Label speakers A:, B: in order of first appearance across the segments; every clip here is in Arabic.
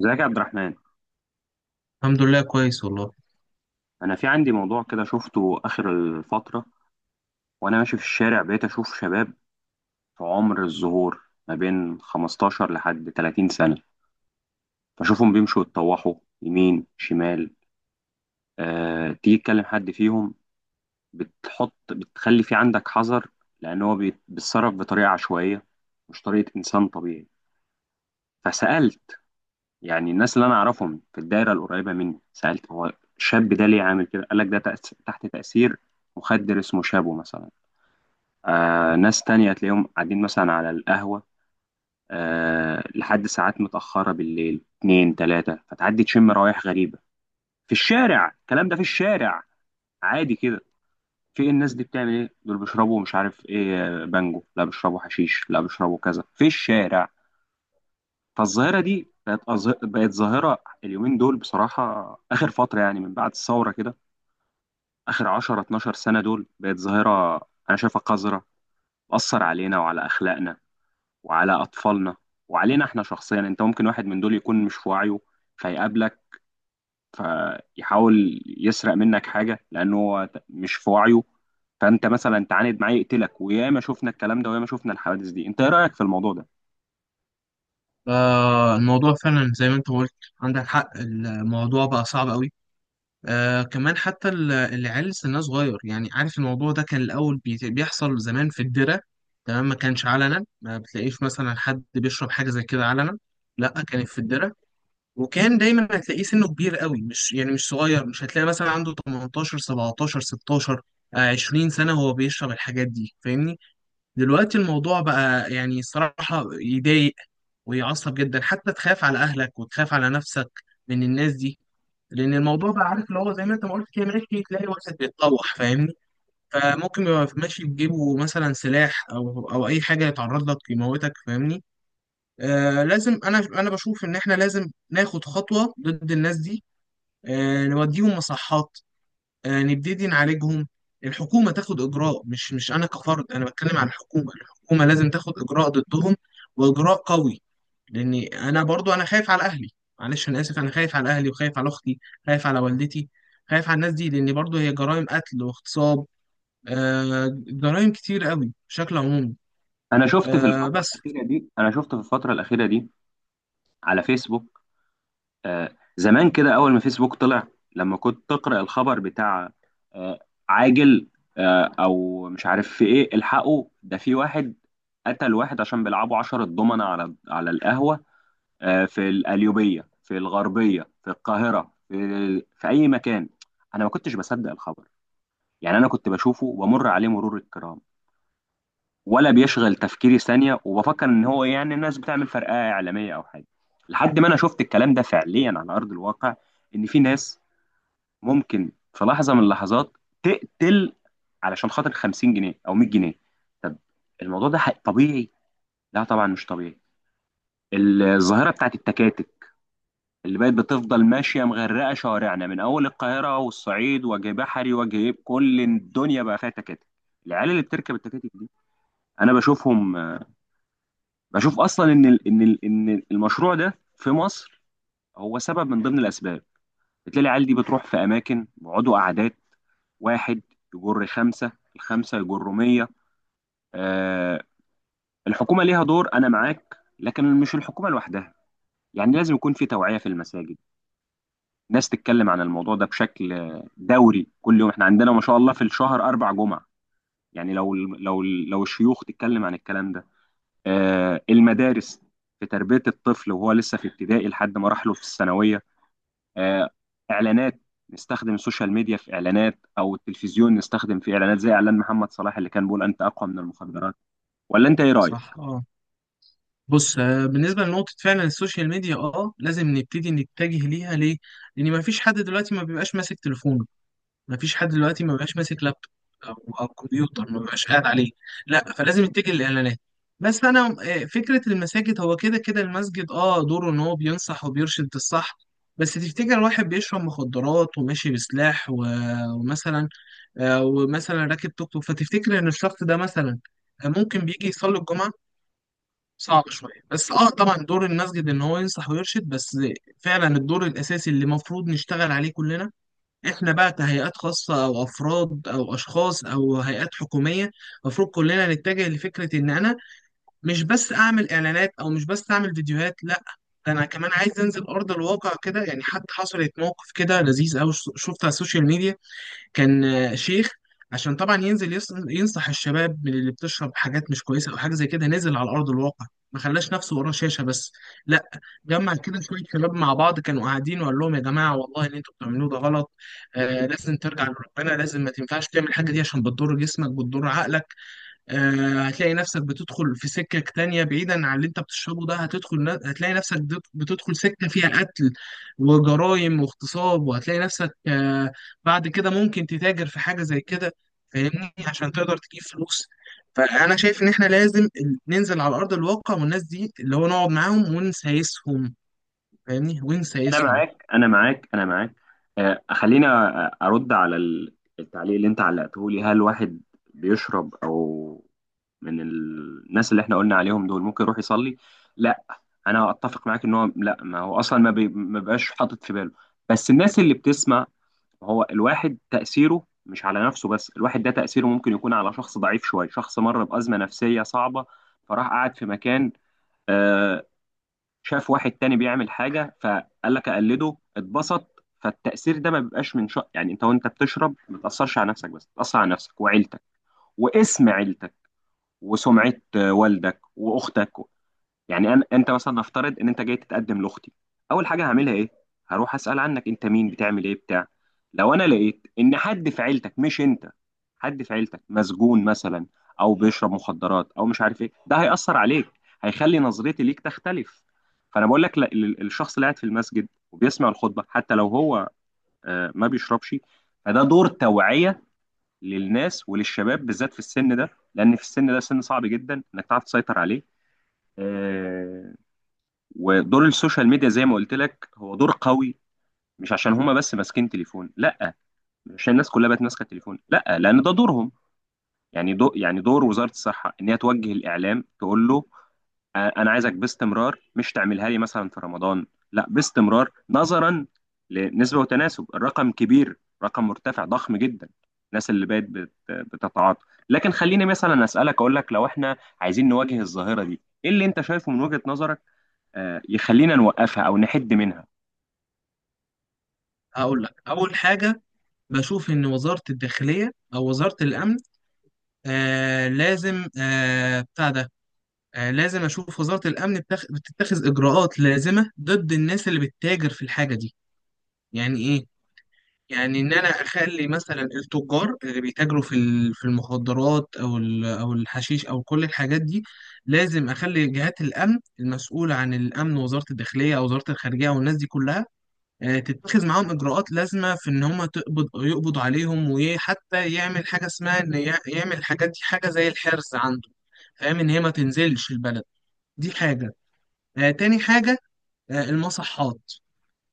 A: ازيك يا عبد الرحمن؟
B: الحمد لله كويس والله.
A: انا في عندي موضوع كده شفته اخر الفتره وانا ماشي في الشارع بقيت اشوف شباب في عمر الزهور ما بين 15 لحد 30 سنه. بشوفهم بيمشوا يتطوحوا يمين شمال. تيجي تكلم حد فيهم، بتخلي في عندك حذر لان هو بيتصرف بطريقه عشوائيه، مش طريقه انسان طبيعي. فسالت، يعني الناس اللي انا اعرفهم في الدايره القريبه مني، سالت: هو الشاب ده ليه عامل كده؟ قال لك: ده تحت تاثير مخدر اسمه شابو مثلا. ناس تانية تلاقيهم قاعدين مثلا على القهوة، لحد ساعات متأخرة بالليل، اتنين تلاتة، فتعدي تشم روايح غريبة في الشارع. الكلام ده في الشارع عادي كده. في الناس دي بتعمل ايه؟ دول بيشربوا مش عارف ايه، بانجو، لا بيشربوا حشيش، لا بيشربوا كذا، في الشارع. فالظاهرة دي بقت ظاهرة اليومين دول بصراحة، آخر فترة يعني من بعد الثورة كده، آخر 10 12 سنة، دول بقت ظاهرة. أنا شايفها قذرة، بتأثر علينا وعلى أخلاقنا وعلى أطفالنا، وعلينا إحنا شخصيا. أنت ممكن واحد من دول يكون مش في وعيه، فيقابلك، فيحاول يسرق منك حاجة لأنه هو مش في وعيه، فأنت مثلا تعاند معاه يقتلك. وياما شفنا الكلام ده، وياما شفنا الحوادث دي. أنت إيه رأيك في الموضوع ده؟
B: الموضوع فعلا زي ما انت قلت. عندك حق، الموضوع بقى صعب قوي. آه، كمان حتى العيال سنها صغير. يعني عارف الموضوع ده كان الأول بيحصل زمان في الدرة. تمام، ما كانش علنا، ما بتلاقيش مثلا حد بيشرب حاجة زي كده علنا، لا، كانت في الدرة. وكان دايما هتلاقيه سنه كبير قوي، مش يعني مش صغير، مش هتلاقي مثلا عنده 18 17 16. آه، 20 سنة هو بيشرب الحاجات دي، فاهمني. دلوقتي الموضوع بقى يعني صراحة يضايق ويعصب جدا، حتى تخاف على اهلك وتخاف على نفسك من الناس دي. لان الموضوع بقى عارف اللي هو زي ما انت ما قلت كده، ماشي تلاقي واحد بيتطوح، فاهمني. فممكن يبقى ماشي بجيبه مثلا سلاح او اي حاجه، يتعرض لك يموتك، فاهمني. آه، لازم انا بشوف ان احنا لازم ناخد خطوه ضد الناس دي. آه، نوديهم مصحات. آه، نبتدي نعالجهم. الحكومه تاخد اجراء، مش انا كفرد، انا بتكلم عن الحكومه. الحكومه لازم تاخد اجراء ضدهم، واجراء قوي. لاني انا برضو انا خايف على اهلي. معلش انا اسف، انا خايف على اهلي وخايف على اختي، خايف على والدتي، خايف على الناس دي، لان برضو هي جرائم قتل واغتصاب. آه، جرائم كتير قوي بشكل عمومي. آه، بس.
A: أنا شفت في الفترة الأخيرة دي على فيسبوك. زمان كده، اول ما فيسبوك طلع، لما كنت تقرأ الخبر بتاع آه، عاجل، او مش عارف في ايه، الحقوا ده في واحد قتل واحد عشان بيلعبوا عشرة ضمنة على القهوة، في القليوبية، في الغربية، في القاهرة، في اي مكان، انا ما كنتش بصدق الخبر. يعني انا كنت بشوفه وبمر عليه مرور الكرام، ولا بيشغل تفكيري ثانية، وبفكر ان هو يعني الناس بتعمل فرقعة اعلامية او حاجة، لحد ما انا شفت الكلام ده فعليا على ارض الواقع، ان في ناس ممكن في لحظة من اللحظات تقتل علشان خاطر 50 جنيه او 100 جنيه. طب الموضوع ده طبيعي؟ لا طبعا مش طبيعي. الظاهرة بتاعت التكاتك اللي بقت بتفضل ماشية مغرقة شوارعنا، من أول القاهرة والصعيد، وجه بحري وجه، كل الدنيا بقى فيها تكاتك. العيال اللي بتركب التكاتك دي، أنا بشوفهم. بشوف اصلا ان ال ان ال ان المشروع ده في مصر هو سبب من ضمن الاسباب. بتلاقي العيال دي بتروح في اماكن بيقعدوا قعدات، واحد يجر خمسه، الخمسه يجروا 100. آه الحكومه ليها دور، انا معاك، لكن مش الحكومه لوحدها. يعني لازم يكون في توعيه في المساجد، ناس تتكلم عن الموضوع ده بشكل دوري، كل يوم. احنا عندنا ما شاء الله في الشهر اربع جمعه، يعني لو الشيوخ تتكلم عن الكلام ده. المدارس، في تربية الطفل وهو لسه في ابتدائي لحد مراحله في الثانوية. آه، إعلانات، نستخدم السوشيال ميديا في إعلانات، أو التلفزيون نستخدم في إعلانات، زي إعلان محمد صلاح اللي كان بيقول: أنت أقوى من المخدرات. ولا أنت إيه رأيك؟
B: صح، اه. بص، آه، بالنسبه لنقطه، فعلا السوشيال ميديا اه لازم نبتدي نتجه ليها. ليه؟ لان ما فيش حد دلوقتي ما بيبقاش ماسك تليفونه، مفيش حد دلوقتي ما بقاش ماسك لابتوب او او كمبيوتر ما بقاش قاعد عليه. لا، فلازم يتجه للاعلانات. بس انا فكره المساجد، هو كده كده المسجد اه دوره ان هو بينصح وبيرشد الصح. بس تفتكر واحد بيشرب مخدرات وماشي بسلاح ومثلا ومثلا راكب توك توك، فتفتكر ان الشخص ده مثلا ممكن بيجي يصلي الجمعه؟ صعب شويه. بس اه طبعا دور المسجد ان هو ينصح ويرشد بس. فعلا الدور الاساسي اللي المفروض نشتغل عليه كلنا، احنا بقى كهيئات خاصة او افراد او اشخاص او هيئات حكومية، المفروض كلنا نتجه لفكرة ان انا مش بس اعمل اعلانات او مش بس اعمل فيديوهات، لا، ده انا كمان عايز انزل ارض الواقع كده. يعني حتى حصلت موقف كده لذيذ قوي شفته على السوشيال ميديا، كان شيخ، عشان طبعا ينزل ينصح الشباب من اللي بتشرب حاجات مش كويسه او حاجه زي كده. نزل على ارض الواقع، ما خلاش نفسه وراه شاشه بس، لا، جمع كده شويه شباب مع بعض كانوا قاعدين وقال لهم: يا جماعه والله اللي انتوا بتعملوه ده غلط. آه، لازم ترجع لربنا، لازم ما تنفعش تعمل الحاجه دي عشان بتضر جسمك بتضر عقلك. آه، هتلاقي نفسك بتدخل في سكة تانية، بعيدا عن اللي انت بتشربه ده هتدخل، هتلاقي نفسك بتدخل سكة فيها قتل وجرائم واغتصاب. وهتلاقي نفسك آه، بعد كده ممكن تتاجر في حاجة زي كده، فاهمني، عشان تقدر تجيب فلوس. فأنا شايف إن إحنا لازم ننزل على أرض الواقع، والناس دي اللي هو نقعد معاهم ونسايسهم، فاهمني،
A: أنا
B: ونسايسهم.
A: معاك، أنا معاك، أنا معاك. خلينا أرد على التعليق اللي أنت علقته لي. هل واحد بيشرب، أو من الناس اللي احنا قلنا عليهم دول، ممكن يروح يصلي؟ لا. انا اتفق معاك ان هو لا، ما هو اصلا ما بيبقاش حاطط في باله. بس الناس اللي بتسمع، هو الواحد تاثيره مش على نفسه بس، الواحد ده تاثيره ممكن يكون على شخص ضعيف شويه، شخص مر بازمه نفسيه صعبه، فراح قعد في مكان، آه، شاف واحد تاني بيعمل حاجه فقال لك اقلده، اتبسط. فالتاثير ده ما بيبقاش من شخص. يعني انت وانت بتشرب ما تاثرش على نفسك بس، تاثر على نفسك وعيلتك، واسم عيلتك وسمعه، والدك واختك. يعني أنا أنت مثلا، نفترض إن أنت جاي تتقدم لأختي، أول حاجة هعملها إيه؟ هروح أسأل عنك أنت مين، بتعمل إيه، بتاع. لو أنا لقيت إن حد في عيلتك، مش أنت، حد في عيلتك مسجون مثلا، أو بيشرب مخدرات، أو مش عارف إيه، ده هيأثر عليك، هيخلي نظرتي ليك تختلف. فأنا بقول لك لا، الشخص اللي قاعد في المسجد وبيسمع الخطبة، حتى لو هو ما بيشربش، فده دور توعية للناس وللشباب، بالذات في السن ده، لأن في السن ده سن صعب جدا إنك تعرف تسيطر عليه. آه، ودور السوشيال ميديا زي ما قلت لك، هو دور قوي. مش عشان هما بس ماسكين تليفون، لا، مش عشان الناس كلها بقت ماسكه تليفون، لا، لان ده دورهم. يعني دو يعني دور وزاره الصحه ان هي توجه الاعلام، تقول له: انا عايزك باستمرار، مش تعملها لي مثلا في رمضان، لا، باستمرار، نظرا لنسبه وتناسب، الرقم كبير، رقم مرتفع، ضخم جدا، الناس اللي بقت بتتعاطى. لكن خليني مثلا اسالك، اقول لك: لو احنا عايزين نواجه الظاهره دي، ايه اللي انت شايفه من وجهه نظرك يخلينا نوقفها او نحد منها؟
B: هقول لك أول حاجة، بشوف إن وزارة الداخلية أو وزارة الأمن آه لازم آه بتاع ده، آه، لازم أشوف وزارة الأمن بتتخذ إجراءات لازمة ضد الناس اللي بتتاجر في الحاجة دي. يعني إيه؟ يعني إن أنا أخلي مثلا التجار اللي بيتاجروا في المخدرات أو الحشيش أو كل الحاجات دي، لازم أخلي جهات الأمن المسؤولة عن الأمن، وزارة الداخلية أو وزارة الخارجية والناس دي كلها، آه، تتخذ معاهم إجراءات لازمة في إن هم يقبضوا عليهم، وحتى يعمل حاجة اسمها إن يعمل الحاجات دي حاجة زي الحرس عنده، فاهم، إن هي ما تنزلش البلد. دي حاجة. آه، تاني حاجة آه، المصحات.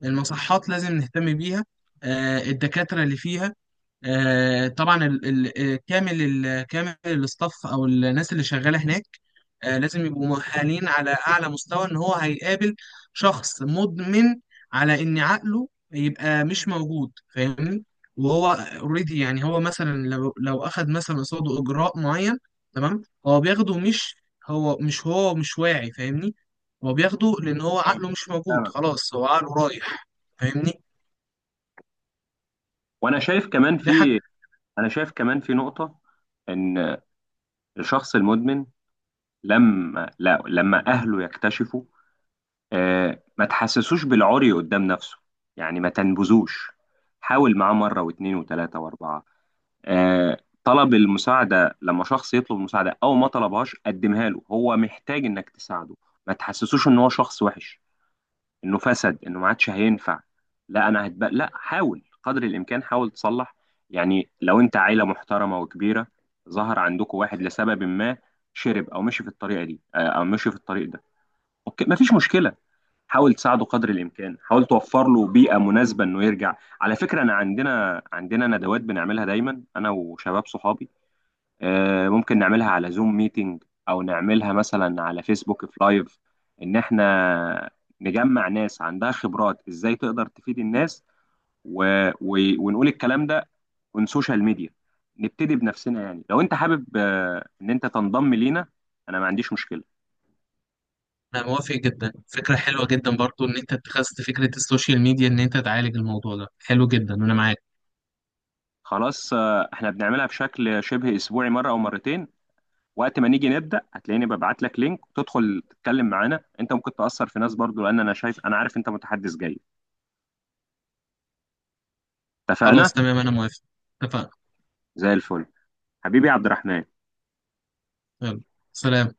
B: المصحات لازم نهتم بيها. آه، الدكاترة اللي فيها، آه، طبعا ال ال آه، كامل الاستاف او الناس اللي شغاله هناك، آه، لازم يبقوا مؤهلين على اعلى مستوى، ان هو هيقابل شخص مدمن، على ان عقله يبقى مش موجود، فاهمني. وهو اوريدي يعني هو مثلا لو اخد مثلا قصاده اجراء معين، تمام، هو بياخده، مش هو مش واعي، فاهمني، هو بياخده لان هو
A: اه،
B: عقله مش موجود،
A: فاهمك، اه.
B: خلاص هو عقله رايح، فاهمني.
A: وانا شايف كمان
B: ده
A: في انا شايف كمان في نقطة، ان الشخص المدمن، لما لا لما اهله يكتشفوا، ما تحسسوش بالعري قدام نفسه، يعني ما تنبذوش. حاول معاه مرة واثنين وثلاثة واربعة، آه، طلب المساعدة. لما شخص يطلب مساعدة، او ما طلبهاش، قدمها له، هو محتاج انك تساعده. ما تحسسوش ان هو شخص وحش، انه فسد، انه ما عادش هينفع، لا. انا هتبقى لا، حاول قدر الامكان، حاول تصلح. يعني لو انت عيله محترمه وكبيره، ظهر عندكم واحد لسبب ما، شرب او مشي في الطريقه دي، او مشي في الطريق ده، اوكي، مفيش مشكله، حاول تساعده قدر الامكان، حاول توفر له بيئه مناسبه انه يرجع. على فكره، انا عندنا ندوات بنعملها دايما، انا وشباب صحابي، ممكن نعملها على زوم ميتنج، او نعملها مثلا على فيسبوك في لايف، ان احنا نجمع ناس عندها خبرات، ازاي تقدر تفيد الناس، و... ونقول الكلام ده on سوشيال ميديا. نبتدي بنفسنا. يعني لو انت حابب ان انت تنضم لينا، انا ما عنديش مشكلة.
B: انا موافق جدا، فكره حلوه جدا برضو ان انت اتخذت فكره السوشيال ميديا ان انت تعالج الموضوع ده، حلو جدا انا معاك.
A: خلاص، احنا بنعملها بشكل شبه اسبوعي، مرة او مرتين، وقت ما نيجي نبدأ هتلاقيني ببعت لك لينك، وتدخل تتكلم معانا. انت ممكن تأثر في ناس برضو، لان انا شايف، انا عارف انت متحدث جيد. اتفقنا؟
B: خلاص تمام انا موافق، اتفقنا.
A: زي الفل. حبيبي عبد الرحمن،
B: يلا، سلام.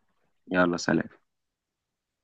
A: يلا سلام.